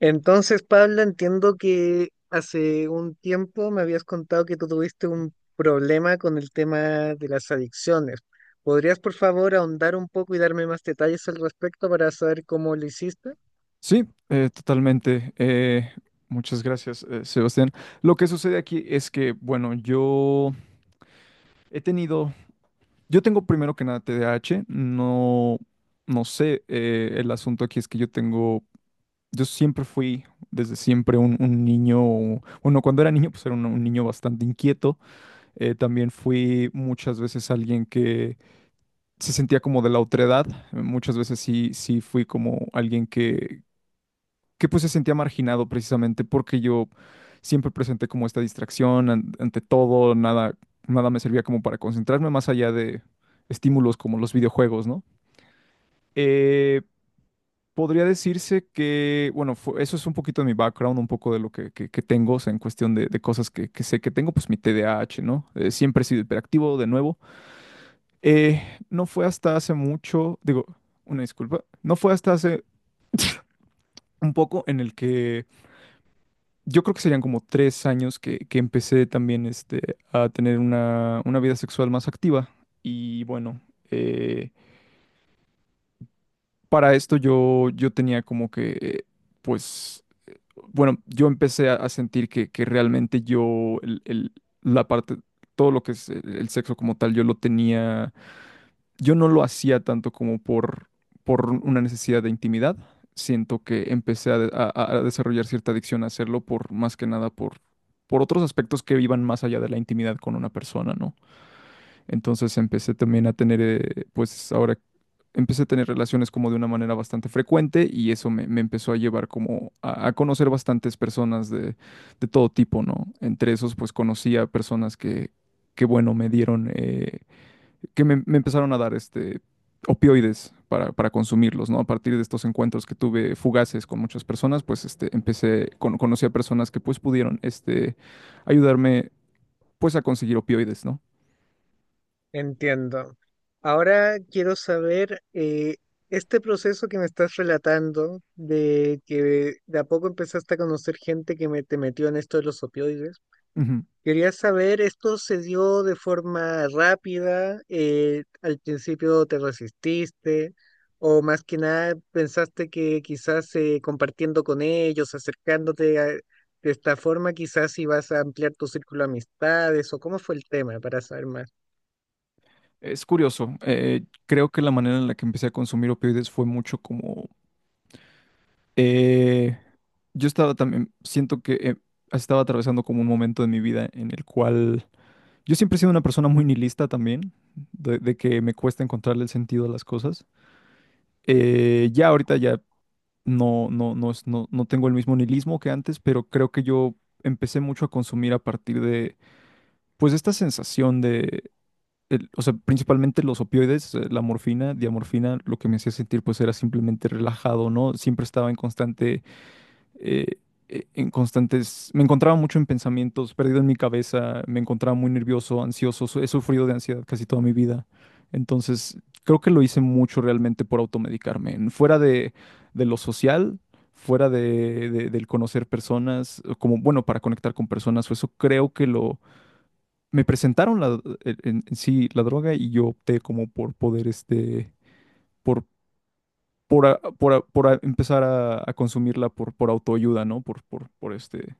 Entonces, Pablo, entiendo que hace un tiempo me habías contado que tú tuviste un problema con el tema de las adicciones. ¿Podrías, por favor, ahondar un poco y darme más detalles al respecto para saber cómo lo hiciste? Sí, totalmente. Muchas gracias, Sebastián. Lo que sucede aquí es que, bueno, yo he tenido, yo tengo primero que nada TDAH, no, no sé, el asunto aquí es que yo tengo, yo siempre fui, desde siempre, un niño, bueno, cuando era niño, pues era un niño bastante inquieto. También fui muchas veces alguien que se sentía como de la otredad. Muchas veces sí, sí fui como alguien que pues se sentía marginado precisamente porque yo siempre presenté como esta distracción ante todo, nada, nada me servía como para concentrarme más allá de estímulos como los videojuegos, ¿no? Eh, podría decirse que, bueno, eso es un poquito de mi background, un poco de lo que tengo, o sea, en cuestión de cosas que sé que tengo, pues mi TDAH, ¿no? Siempre he sido hiperactivo, de nuevo. Eh, no fue hasta hace mucho, digo, una disculpa, no fue hasta hace un poco en el que yo creo que serían como 3 años que empecé también este, a tener una vida sexual más activa. Y bueno, eh, para esto yo, yo tenía como que, pues, bueno, yo empecé a sentir que realmente yo, la parte, todo lo que es el sexo como tal, yo no lo hacía tanto como por una necesidad de intimidad. Siento que empecé a desarrollar cierta adicción a hacerlo por más que nada por otros aspectos que iban más allá de la intimidad con una persona, ¿no? Entonces empecé también a tener, pues ahora empecé a tener relaciones como de una manera bastante frecuente y eso me empezó a llevar como a conocer bastantes personas de todo tipo, ¿no? Entre esos, pues conocí a personas que bueno, me dieron, que me empezaron a dar este, opioides para consumirlos, ¿no? A partir de estos encuentros que tuve fugaces con muchas personas, pues este, conocí a personas que pues pudieron este, ayudarme pues a conseguir opioides, ¿no? Entiendo. Ahora quiero saber, este proceso que me estás relatando de que de a poco empezaste a conocer gente que te metió en esto de los opioides. Ujú. Quería saber, ¿esto se dio de forma rápida? ¿Al principio te resististe? ¿O más que nada pensaste que quizás compartiendo con ellos, acercándote de esta forma, quizás ibas a ampliar tu círculo de amistades? ¿O cómo fue el tema para saber más? Es curioso, creo que la manera en la que empecé a consumir opioides fue mucho como, Eh, yo estaba también, siento que estaba atravesando como un momento de mi vida en el cual yo siempre he sido una persona muy nihilista también, de que me cuesta encontrarle el sentido a las cosas. Ya ahorita ya no, no, no, no, no tengo el mismo nihilismo que antes, pero creo que yo empecé mucho a consumir a partir de, pues, esta sensación de, o sea, principalmente los opioides, la morfina, diamorfina, lo que me hacía sentir pues era simplemente relajado, ¿no? Siempre estaba en constante eh, en constantes, me encontraba mucho en pensamientos, perdido en mi cabeza, me encontraba muy nervioso, ansioso, he sufrido de ansiedad casi toda mi vida. Entonces, creo que lo hice mucho realmente por automedicarme, fuera de lo social, fuera del conocer personas, o como, bueno, para conectar con personas, o eso creo que lo, me presentaron la, en sí la droga y yo opté como por poder, este, por... empezar a consumirla por autoayuda, ¿no? Por este,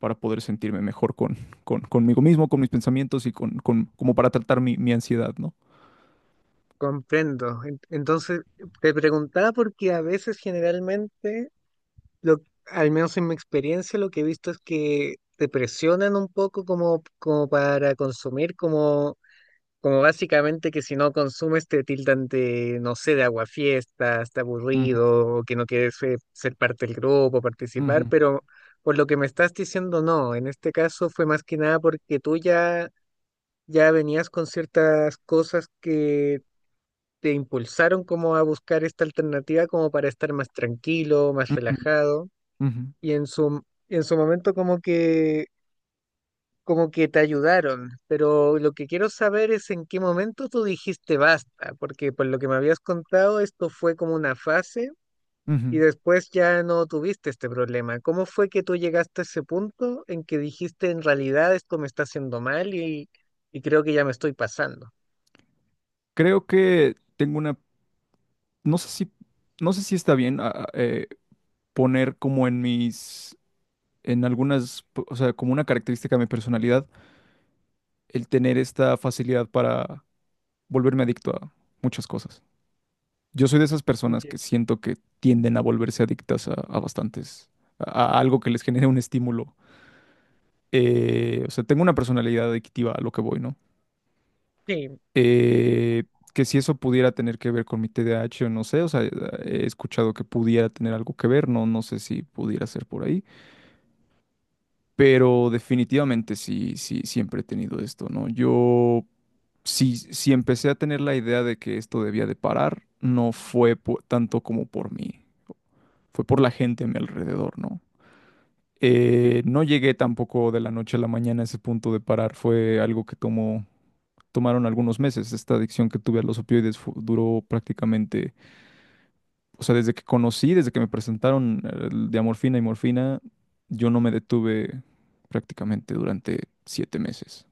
para poder sentirme mejor con, conmigo mismo, con mis pensamientos y con, como para tratar mi ansiedad, ¿no? Comprendo. Entonces, te preguntaba porque a veces generalmente, lo, al menos en mi experiencia, lo que he visto es que te presionan un poco como para consumir como básicamente que si no consumes te tildan de, no sé, de aguafiestas, está Ujú, aburrido, o que no quieres ser parte del grupo, participar. ujú, Pero por lo que me estás diciendo, no, en este caso fue más que nada porque tú ya, venías con ciertas cosas que te impulsaron como a buscar esta alternativa como para estar más tranquilo, más ujú, relajado, ujú, y en su momento como que te ayudaron, pero lo que quiero saber es en qué momento tú dijiste basta, porque por lo que me habías contado, esto fue como una fase ujú. y después ya no tuviste este problema. ¿Cómo fue que tú llegaste a ese punto en que dijiste en realidad esto me está haciendo mal y creo que ya me estoy pasando? Creo que tengo una, no sé si, no sé si está bien poner como en algunas, o sea, como una característica de mi personalidad, el tener esta facilidad para volverme adicto a muchas cosas. Yo soy de esas personas que Ye- siento que tienden a volverse adictas a a algo que les genere un estímulo, o sea, tengo una personalidad adictiva a lo que voy, ¿no? Sí, Eh, que si eso pudiera tener que ver con mi TDAH o no sé, o sea, he escuchado que pudiera tener algo que ver, no, no sé si pudiera ser por ahí, pero definitivamente sí, sí, siempre he tenido esto, ¿no? Yo, si, si empecé a tener la idea de que esto debía de parar, no fue tanto como por mí, fue por la gente a mi alrededor, ¿no? No llegué tampoco de la noche a la mañana a ese punto de parar, fue algo que tomó tomaron algunos meses. Esta adicción que tuve a los opioides duró prácticamente, o sea, desde que conocí, desde que me presentaron de amorfina y morfina, yo no me detuve prácticamente durante 7 meses.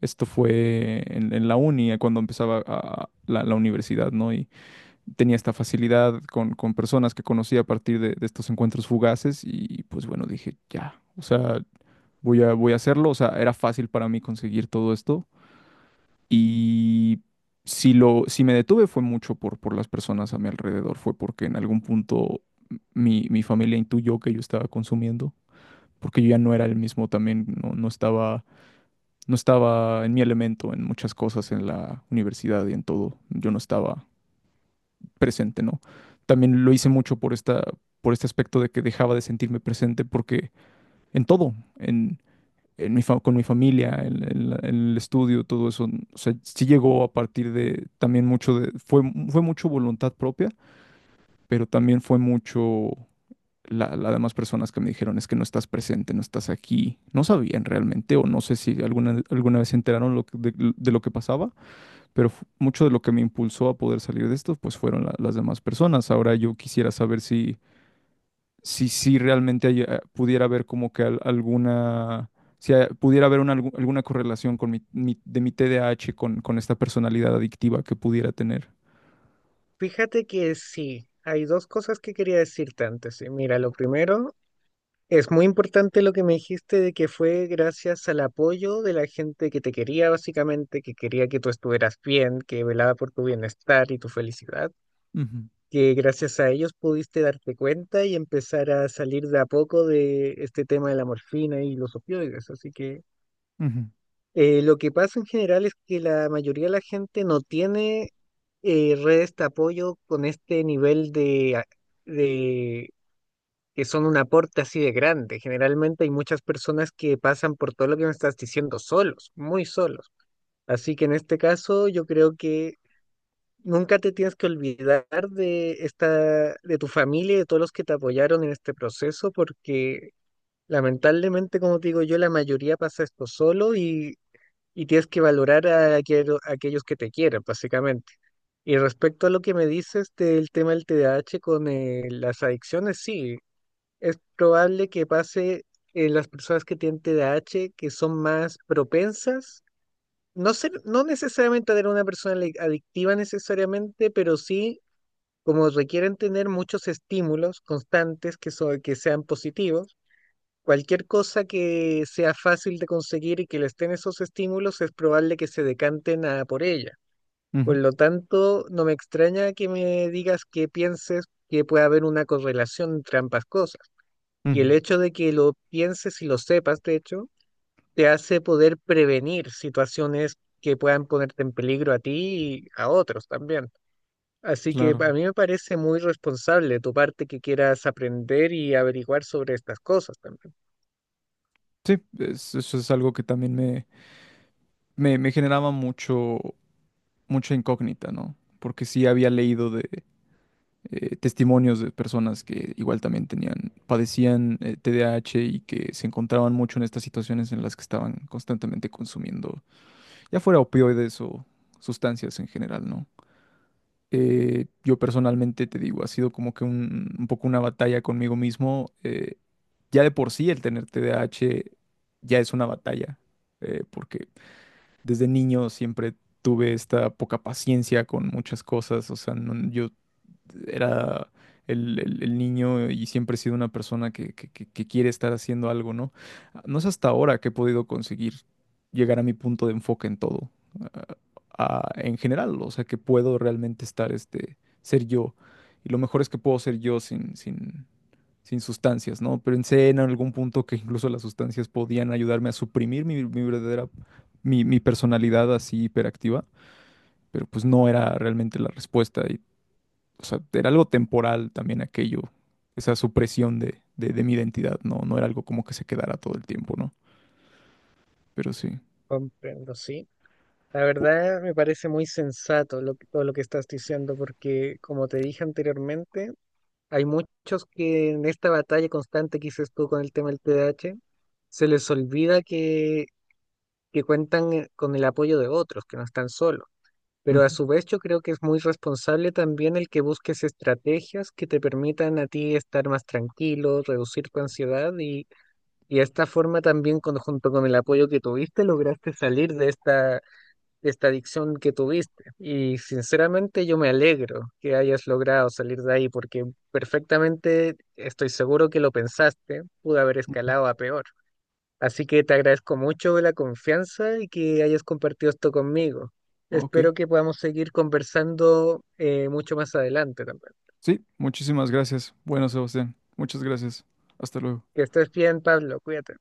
Esto fue en la uni, cuando empezaba la universidad, ¿no? Y tenía esta facilidad con personas que conocí a partir de estos encuentros fugaces y pues bueno, dije, ya, o sea, voy a hacerlo, o sea, era fácil para mí conseguir todo esto. Y si me detuve fue mucho por las personas a mi alrededor, fue porque en algún punto mi familia intuyó que yo estaba consumiendo, porque yo ya no era el mismo también, no, no estaba, no estaba en mi elemento en muchas cosas en la universidad y en todo, yo no estaba presente, ¿no? También lo hice mucho por esta, por este aspecto de que dejaba de sentirme presente porque en todo, en mi con mi familia, el estudio, todo eso. O sea, sí llegó a partir de también mucho de, fue mucho voluntad propia, pero también fue mucho las demás personas que me dijeron es que no estás presente, no estás aquí. No sabían realmente, o no sé si alguna, alguna vez se enteraron lo de lo que pasaba, pero mucho de lo que me impulsó a poder salir de esto, pues fueron las demás personas. Ahora yo quisiera saber si realmente hay, pudiera haber como que alguna, si pudiera haber una, alguna correlación con de mi TDAH con esta personalidad adictiva que pudiera tener. fíjate que sí, hay dos cosas que quería decirte antes. Y mira, lo primero: es muy importante lo que me dijiste de que fue gracias al apoyo de la gente que te quería, básicamente, que quería que tú estuvieras bien, que velaba por tu bienestar y tu felicidad, Ujú, que gracias a ellos pudiste darte cuenta y empezar a salir de a poco de este tema de la morfina y los opioides. Así que ujú, lo que pasa en general es que la mayoría de la gente no tiene redes de apoyo con este nivel de que son un aporte así de grande. Generalmente hay muchas personas que pasan por todo lo que me estás diciendo solos, muy solos. Así que en este caso yo creo que nunca te tienes que olvidar de tu familia y de todos los que te apoyaron en este proceso, porque lamentablemente, como te digo yo, la mayoría pasa esto solo y tienes que valorar a aquellos que te quieren, básicamente. Y respecto a lo que me dices del tema del T D A H con las adicciones, sí, es probable que pase en las personas que tienen TDAH, que son más propensas, no ser, no necesariamente a tener una persona adictiva necesariamente, pero sí como requieren tener muchos estímulos constantes que sean positivos. Cualquier cosa que sea fácil de conseguir y que les den esos estímulos es probable que se decanten a por ella. ujú, Por lo tanto, no me extraña que me digas que pienses que puede haber una correlación entre ambas cosas. Y el ujú. hecho de que lo pienses y lo sepas, de hecho, te hace poder prevenir situaciones que puedan ponerte en peligro a ti y a otros también. Así que a Claro. mí me parece muy responsable de tu parte que quieras aprender y averiguar sobre estas cosas también. Sí, eso es algo que también me generaba mucho. Mucha incógnita, ¿no? Porque sí había leído de testimonios de personas que igual también tenían, padecían TDAH y que se encontraban mucho en estas situaciones en las que estaban constantemente consumiendo, ya fuera opioides o sustancias en general, ¿no? Yo personalmente te digo, ha sido como que un poco una batalla conmigo mismo. Ya de por sí el tener TDAH ya es una batalla, porque desde niño siempre tuve esta poca paciencia con muchas cosas, o sea, yo era el niño y siempre he sido una persona que quiere estar haciendo algo, ¿no? No es hasta ahora que he podido conseguir llegar a mi punto de enfoque en todo, ah, en general, o sea, que puedo realmente estar, este, ser yo. Y lo mejor es que puedo ser yo sin sustancias, ¿no? Pero en algún punto que incluso las sustancias podían ayudarme a suprimir mi, mi personalidad así hiperactiva, pero pues no era realmente la respuesta. Y, o sea, era algo temporal también aquello, esa supresión de mi identidad, no, no era algo como que se quedara todo el tiempo, ¿no? Pero sí. Comprendo, sí. La U- verdad me parece muy sensato todo lo que estás diciendo porque, como te dije anteriormente, hay muchos que en esta batalla constante que dices tú con el tema del TDAH, se les olvida que cuentan con el apoyo de otros, que no están solos. Pero a Ujú, su vez yo creo que es muy responsable también el que busques estrategias que te permitan a ti estar más tranquilo, reducir tu ansiedad y de esta forma también junto con el apoyo que tuviste lograste salir de esta adicción que tuviste. Y sinceramente yo me alegro que hayas logrado salir de ahí porque perfectamente estoy seguro que lo pensaste, pudo haber ujú. escalado a peor. Así que te agradezco mucho la confianza y que hayas compartido esto conmigo. Ok. Espero que podamos seguir conversando mucho más adelante también. Sí, muchísimas gracias. Bueno, Sebastián, muchas gracias. Hasta luego. Que estés bien, Pablo, cuídate.